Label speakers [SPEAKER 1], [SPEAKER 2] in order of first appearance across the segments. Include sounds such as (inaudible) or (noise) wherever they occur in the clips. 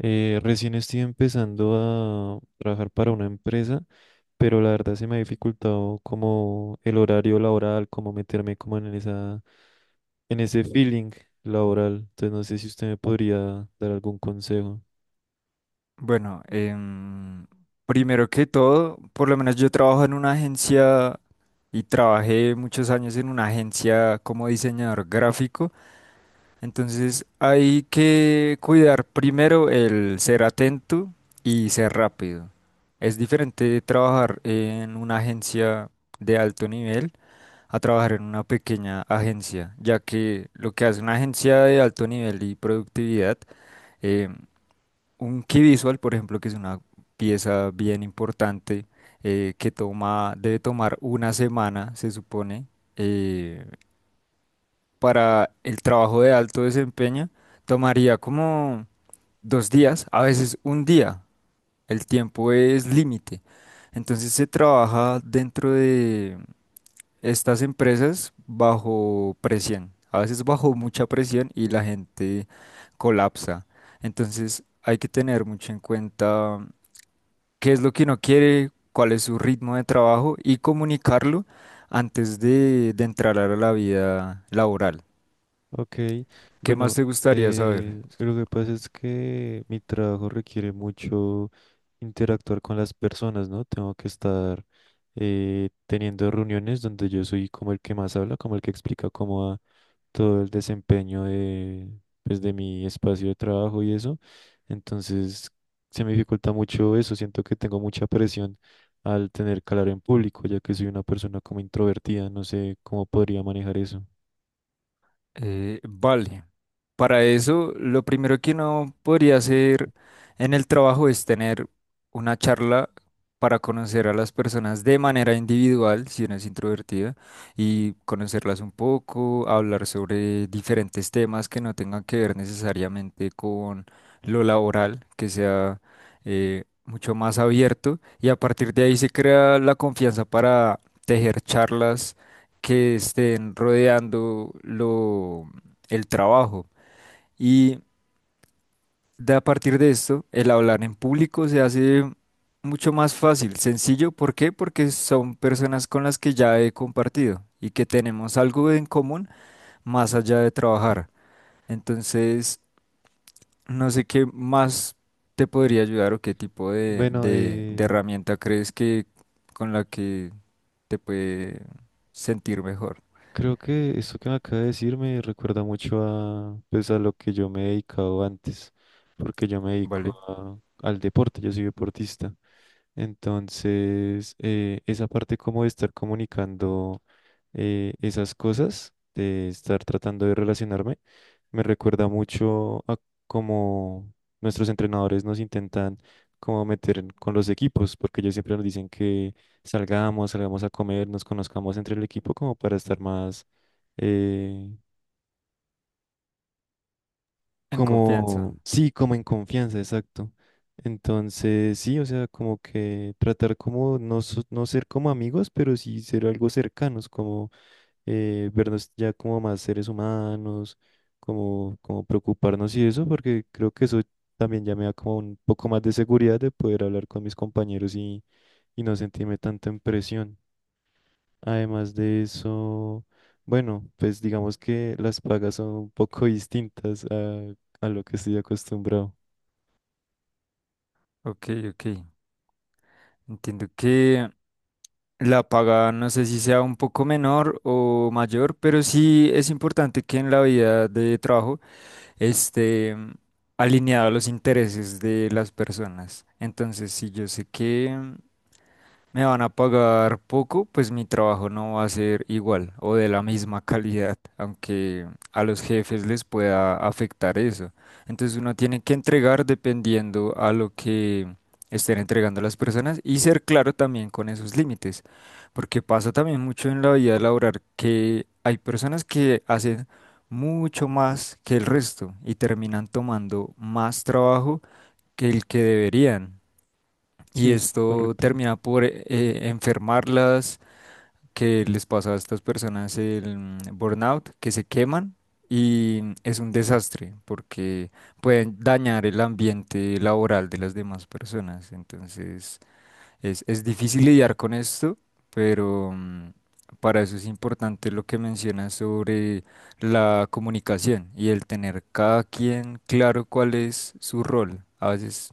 [SPEAKER 1] Recién estoy empezando a trabajar para una empresa, pero la verdad se me ha dificultado como el horario laboral, como meterme como en esa, en ese feeling laboral. Entonces no sé si usted me podría dar algún consejo.
[SPEAKER 2] Bueno, primero que todo, por lo menos yo trabajo en una agencia y trabajé muchos años en una agencia como diseñador gráfico, entonces hay que cuidar primero el ser atento y ser rápido. Es diferente trabajar en una agencia de alto nivel a trabajar en una pequeña agencia, ya que lo que hace una agencia de alto nivel y productividad em, un key visual, por ejemplo, que es una pieza bien importante debe tomar una semana, se supone, eh, para el trabajo de alto desempeño, tomaría como 2 días, a veces un día. El tiempo es límite. Entonces se trabaja dentro de estas empresas bajo presión, a veces bajo mucha presión y la gente colapsa. Entonces hay que tener mucho en cuenta qué es lo que uno quiere, cuál es su ritmo de trabajo y comunicarlo antes de entrar a la vida laboral.
[SPEAKER 1] Ok,
[SPEAKER 2] ¿Qué más
[SPEAKER 1] bueno,
[SPEAKER 2] te gustaría saber?
[SPEAKER 1] lo que pasa es que mi trabajo requiere mucho interactuar con las personas, ¿no? Tengo que estar teniendo reuniones donde yo soy como el que más habla, como el que explica cómo va todo el desempeño de, pues, de mi espacio de trabajo y eso. Entonces, se me dificulta mucho eso. Siento que tengo mucha presión al tener que hablar en público, ya que soy una persona como introvertida. No sé cómo podría manejar eso.
[SPEAKER 2] Vale. Para eso, lo primero que uno podría hacer en el trabajo es tener una charla para conocer a las personas de manera individual, si uno es introvertida, y conocerlas un poco, hablar sobre diferentes temas que no tengan que ver necesariamente con lo laboral, que sea mucho más abierto, y a partir de ahí se crea la confianza para tejer charlas que estén rodeando el trabajo. Y de a partir de esto, el hablar en público se hace mucho más fácil, sencillo. ¿Por qué? Porque son personas con las que ya he compartido y que tenemos algo en común más allá de trabajar. Entonces, no sé qué más te podría ayudar o qué tipo de,
[SPEAKER 1] Bueno,
[SPEAKER 2] de, de herramienta crees que con la que te puede sentir mejor,
[SPEAKER 1] creo que esto que me acaba de decir me recuerda mucho a, pues, a lo que yo me he dedicado antes, porque yo me dedico
[SPEAKER 2] ¿vale?
[SPEAKER 1] a- al deporte, yo soy deportista. Entonces, esa parte como de estar comunicando esas cosas de estar tratando de relacionarme me recuerda mucho a cómo nuestros entrenadores nos intentan como meter en- con los equipos, porque ellos siempre nos dicen que salgamos, salgamos a comer, nos conozcamos entre el equipo como para estar más, eh,
[SPEAKER 2] En confianza.
[SPEAKER 1] como, sí, como en confianza, exacto. Entonces, sí, o sea, como que tratar como no, so- no ser como amigos, pero sí ser algo cercanos, como vernos ya como más seres humanos, como, como preocuparnos y eso, porque creo que eso también ya me da como un poco más de seguridad de poder hablar con mis compañeros y no sentirme tanto en presión. Además de eso, bueno, pues digamos que las pagas son un poco distintas a lo que estoy acostumbrado.
[SPEAKER 2] Ok, ok. Entiendo que la paga no sé si sea un poco menor o mayor, pero sí es importante que en la vida de trabajo esté alineado a los intereses de las personas. Entonces, sí, yo sé que me van a pagar poco, pues mi trabajo no va a ser igual o de la misma (laughs) calidad, aunque a los jefes les pueda afectar eso. Entonces uno tiene que entregar dependiendo a lo que estén entregando las personas y ser claro también con esos límites, porque pasa también mucho en la vida laboral que hay personas que hacen mucho más que el resto y terminan tomando más trabajo que el que deberían. Y
[SPEAKER 1] Sí,
[SPEAKER 2] esto
[SPEAKER 1] correcto.
[SPEAKER 2] termina por enfermarlas, que les pasa a estas personas el burnout, que se queman y es un desastre porque pueden dañar el ambiente laboral de las demás personas. Entonces es difícil lidiar con esto, pero para eso es importante lo que mencionas sobre la comunicación y el tener cada quien claro cuál es su rol. A veces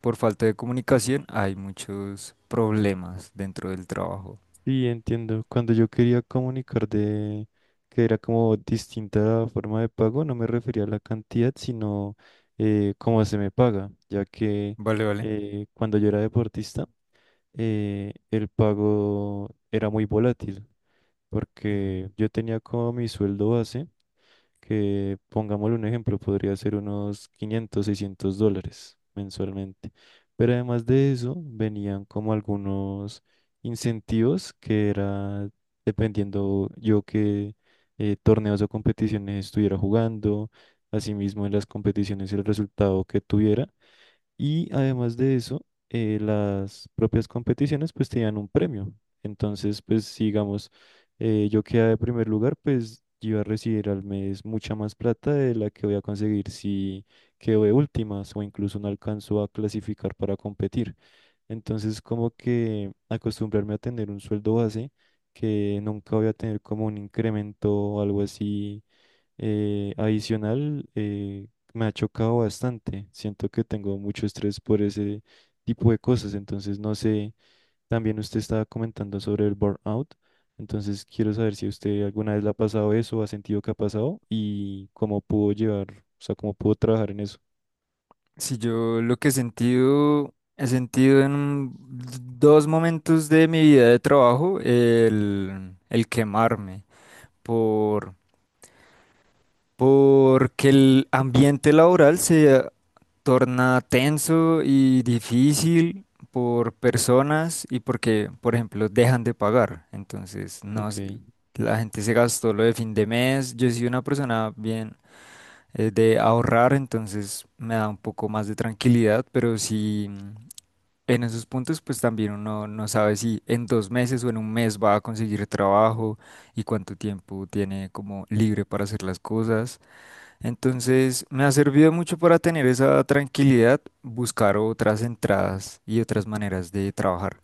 [SPEAKER 2] por falta de comunicación hay muchos problemas dentro del trabajo.
[SPEAKER 1] Sí, entiendo. Cuando yo quería comunicar de que era como distinta la forma de pago, no me refería a la cantidad, sino cómo se me paga, ya que
[SPEAKER 2] Vale, vale.
[SPEAKER 1] cuando yo era deportista, el pago era muy volátil,
[SPEAKER 2] Mm.
[SPEAKER 1] porque yo tenía como mi sueldo base que pongámosle un ejemplo, podría ser unos 500, $600 mensualmente. Pero además de eso, venían como algunos incentivos que era dependiendo yo qué torneos o competiciones estuviera jugando, asimismo en las competiciones el resultado que tuviera y además de eso, las propias competiciones pues te dan un premio. Entonces, pues si, digamos, yo quedé de primer lugar, pues yo iba a recibir al mes mucha más plata de la que voy a conseguir si quedo de últimas o incluso no alcanzo a clasificar para competir. Entonces, como que acostumbrarme a tener un sueldo base que nunca voy a tener como un incremento o algo así adicional, me ha chocado bastante. Siento que tengo mucho estrés por ese tipo de cosas. Entonces, no sé, también usted estaba comentando sobre el burnout. Entonces, quiero saber si usted alguna vez le ha pasado eso, ha sentido que ha pasado y cómo pudo llevar, o sea, cómo pudo trabajar en eso.
[SPEAKER 2] Si yo lo que he sentido en dos momentos de mi vida de trabajo, el quemarme por, porque el ambiente laboral se torna tenso y difícil por personas y porque, por ejemplo, dejan de pagar. Entonces, no,
[SPEAKER 1] Ok,
[SPEAKER 2] la gente se gastó lo de fin de mes. Yo soy una persona bien de ahorrar, entonces me da un poco más de tranquilidad, pero si en esos puntos, pues también uno no sabe si en 2 meses o en un mes va a conseguir trabajo y cuánto tiempo tiene como libre para hacer las cosas. Entonces, me ha servido mucho para tener esa tranquilidad, buscar otras entradas y otras maneras de trabajar,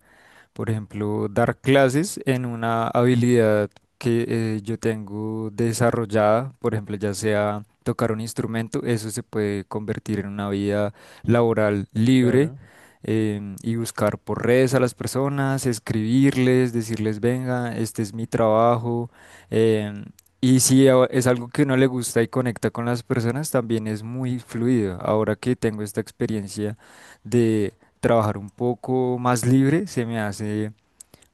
[SPEAKER 2] por ejemplo, dar clases en una habilidad que yo tengo desarrollada, por ejemplo, ya sea tocar un instrumento, eso se puede convertir en una vida laboral libre.
[SPEAKER 1] claro,
[SPEAKER 2] Y buscar por redes a las personas, escribirles, decirles, venga, este es mi trabajo. em, y si es algo que no le gusta y conecta con las personas, también es muy fluido. Ahora que tengo esta experiencia, de trabajar un poco más libre se me hace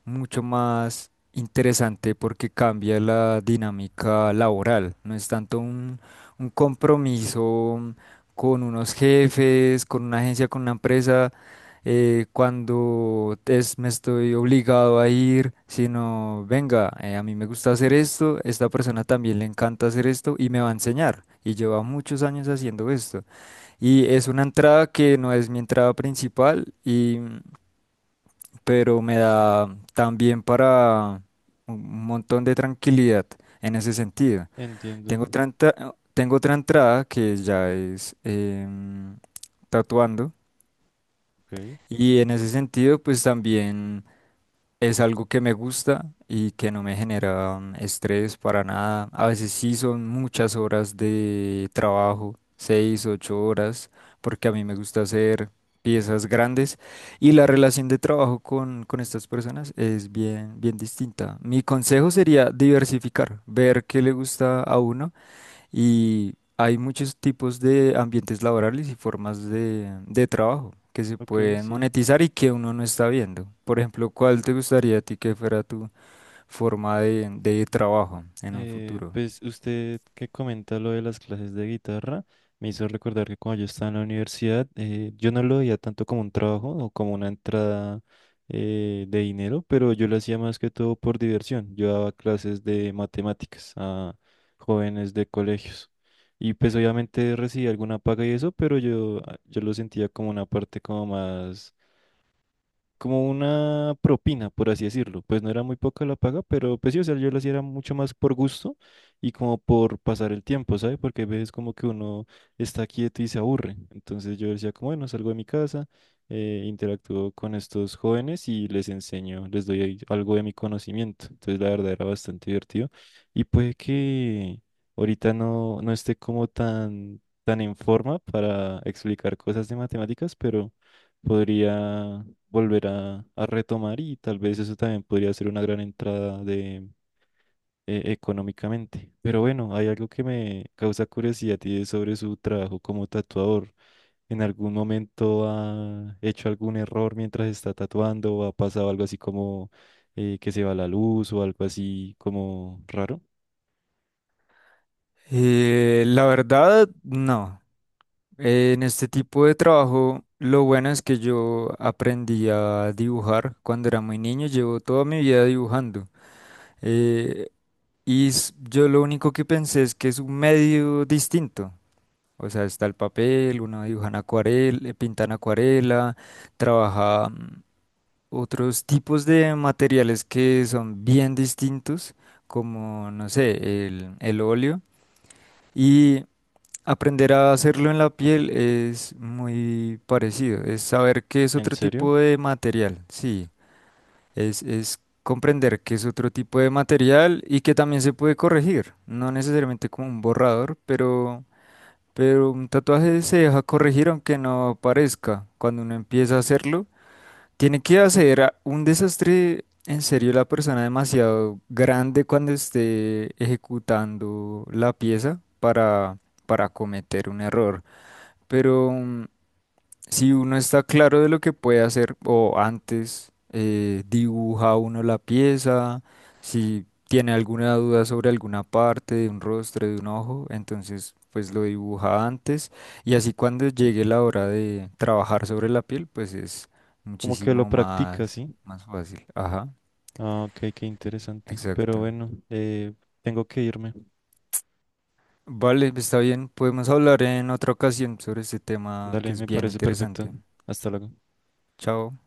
[SPEAKER 2] mucho más interesante porque cambia la dinámica laboral. No es tanto un compromiso con unos jefes, con una agencia, con una empresa, cuando me estoy obligado a ir, sino, venga, a mí me gusta hacer esto, esta persona también le encanta hacer esto y me va a enseñar. Y lleva muchos años haciendo esto. Y es una entrada que no es mi entrada principal, pero me da también para un montón de tranquilidad en ese sentido.
[SPEAKER 1] entiendo.
[SPEAKER 2] Tengo otra entrada que ya es tatuando,
[SPEAKER 1] Ok,
[SPEAKER 2] y en ese sentido, pues también. Es algo que me gusta y que no me genera estrés para nada. A veces sí son muchas horas de trabajo, 6, 8 horas, porque a mí me gusta hacer piezas grandes y la relación de trabajo con estas personas es bien, bien distinta. Mi consejo sería diversificar, ver qué le gusta a uno y hay muchos tipos de ambientes laborales y formas de trabajo que se
[SPEAKER 1] ok,
[SPEAKER 2] pueden
[SPEAKER 1] sí.
[SPEAKER 2] monetizar y que uno no está viendo. Por ejemplo, ¿cuál te gustaría a ti que fuera tu forma de trabajo en un futuro?
[SPEAKER 1] Pues usted que comenta lo de las clases de guitarra, me hizo recordar que cuando yo estaba en la universidad, yo no lo veía tanto como un trabajo o como una entrada de dinero, pero yo lo hacía más que todo por diversión. Yo daba clases de matemáticas a jóvenes de colegios y pues obviamente recibía alguna paga y eso, pero yo lo sentía como una parte como más como una propina, por así decirlo. Pues no era muy poca la paga, pero pues sí, o sea, yo lo hacía era mucho más por gusto y como por pasar el tiempo, ¿sabes? Porque a veces como que uno está quieto y se aburre. Entonces yo decía como, bueno, salgo de mi casa, interactúo con estos jóvenes y les enseño, les doy ahí algo de mi conocimiento. Entonces la verdad era bastante divertido y puede que ahorita no, no esté como tan, tan en forma para explicar cosas de matemáticas, pero podría volver a retomar y tal vez eso también podría ser una gran entrada de económicamente. Pero bueno, hay algo que me causa curiosidad y es sobre su trabajo como tatuador. ¿En algún momento ha hecho algún error mientras está tatuando o ha pasado algo así como que se va la luz o algo así como raro?
[SPEAKER 2] La verdad, no. En este tipo de trabajo, lo bueno es que yo aprendí a dibujar cuando era muy niño. Llevo toda mi vida dibujando. Eh, y yo lo único que pensé es que es un medio distinto. O sea, está el papel, uno dibujan acuarela, pintan acuarela, trabaja otros tipos de materiales que son bien distintos, como, no sé, el óleo. Y aprender a hacerlo en la piel es muy parecido, es saber qué es
[SPEAKER 1] ¿En
[SPEAKER 2] otro
[SPEAKER 1] serio?
[SPEAKER 2] tipo de material, sí, es comprender qué es otro tipo de material y que también se puede corregir, no necesariamente como un borrador, Pero un tatuaje se deja corregir aunque no parezca. Cuando uno empieza a hacerlo, tiene que hacer un desastre en serio la persona demasiado grande cuando esté ejecutando la pieza para cometer un error. Pero si uno está claro de lo que puede hacer o antes dibuja uno la pieza, si tiene alguna duda sobre alguna parte de un rostro, de un ojo, entonces pues lo dibuja antes y así cuando llegue la hora de trabajar sobre la piel, pues es
[SPEAKER 1] Como que lo
[SPEAKER 2] muchísimo
[SPEAKER 1] practica, ¿sí?
[SPEAKER 2] más fácil. Ajá,
[SPEAKER 1] Ah, ok, qué interesante. Pero
[SPEAKER 2] exacto.
[SPEAKER 1] bueno, tengo que irme.
[SPEAKER 2] Vale, está bien, podemos hablar en otra ocasión sobre este tema que
[SPEAKER 1] Dale,
[SPEAKER 2] es
[SPEAKER 1] me
[SPEAKER 2] bien
[SPEAKER 1] parece perfecto.
[SPEAKER 2] interesante.
[SPEAKER 1] Hasta luego.
[SPEAKER 2] Chao.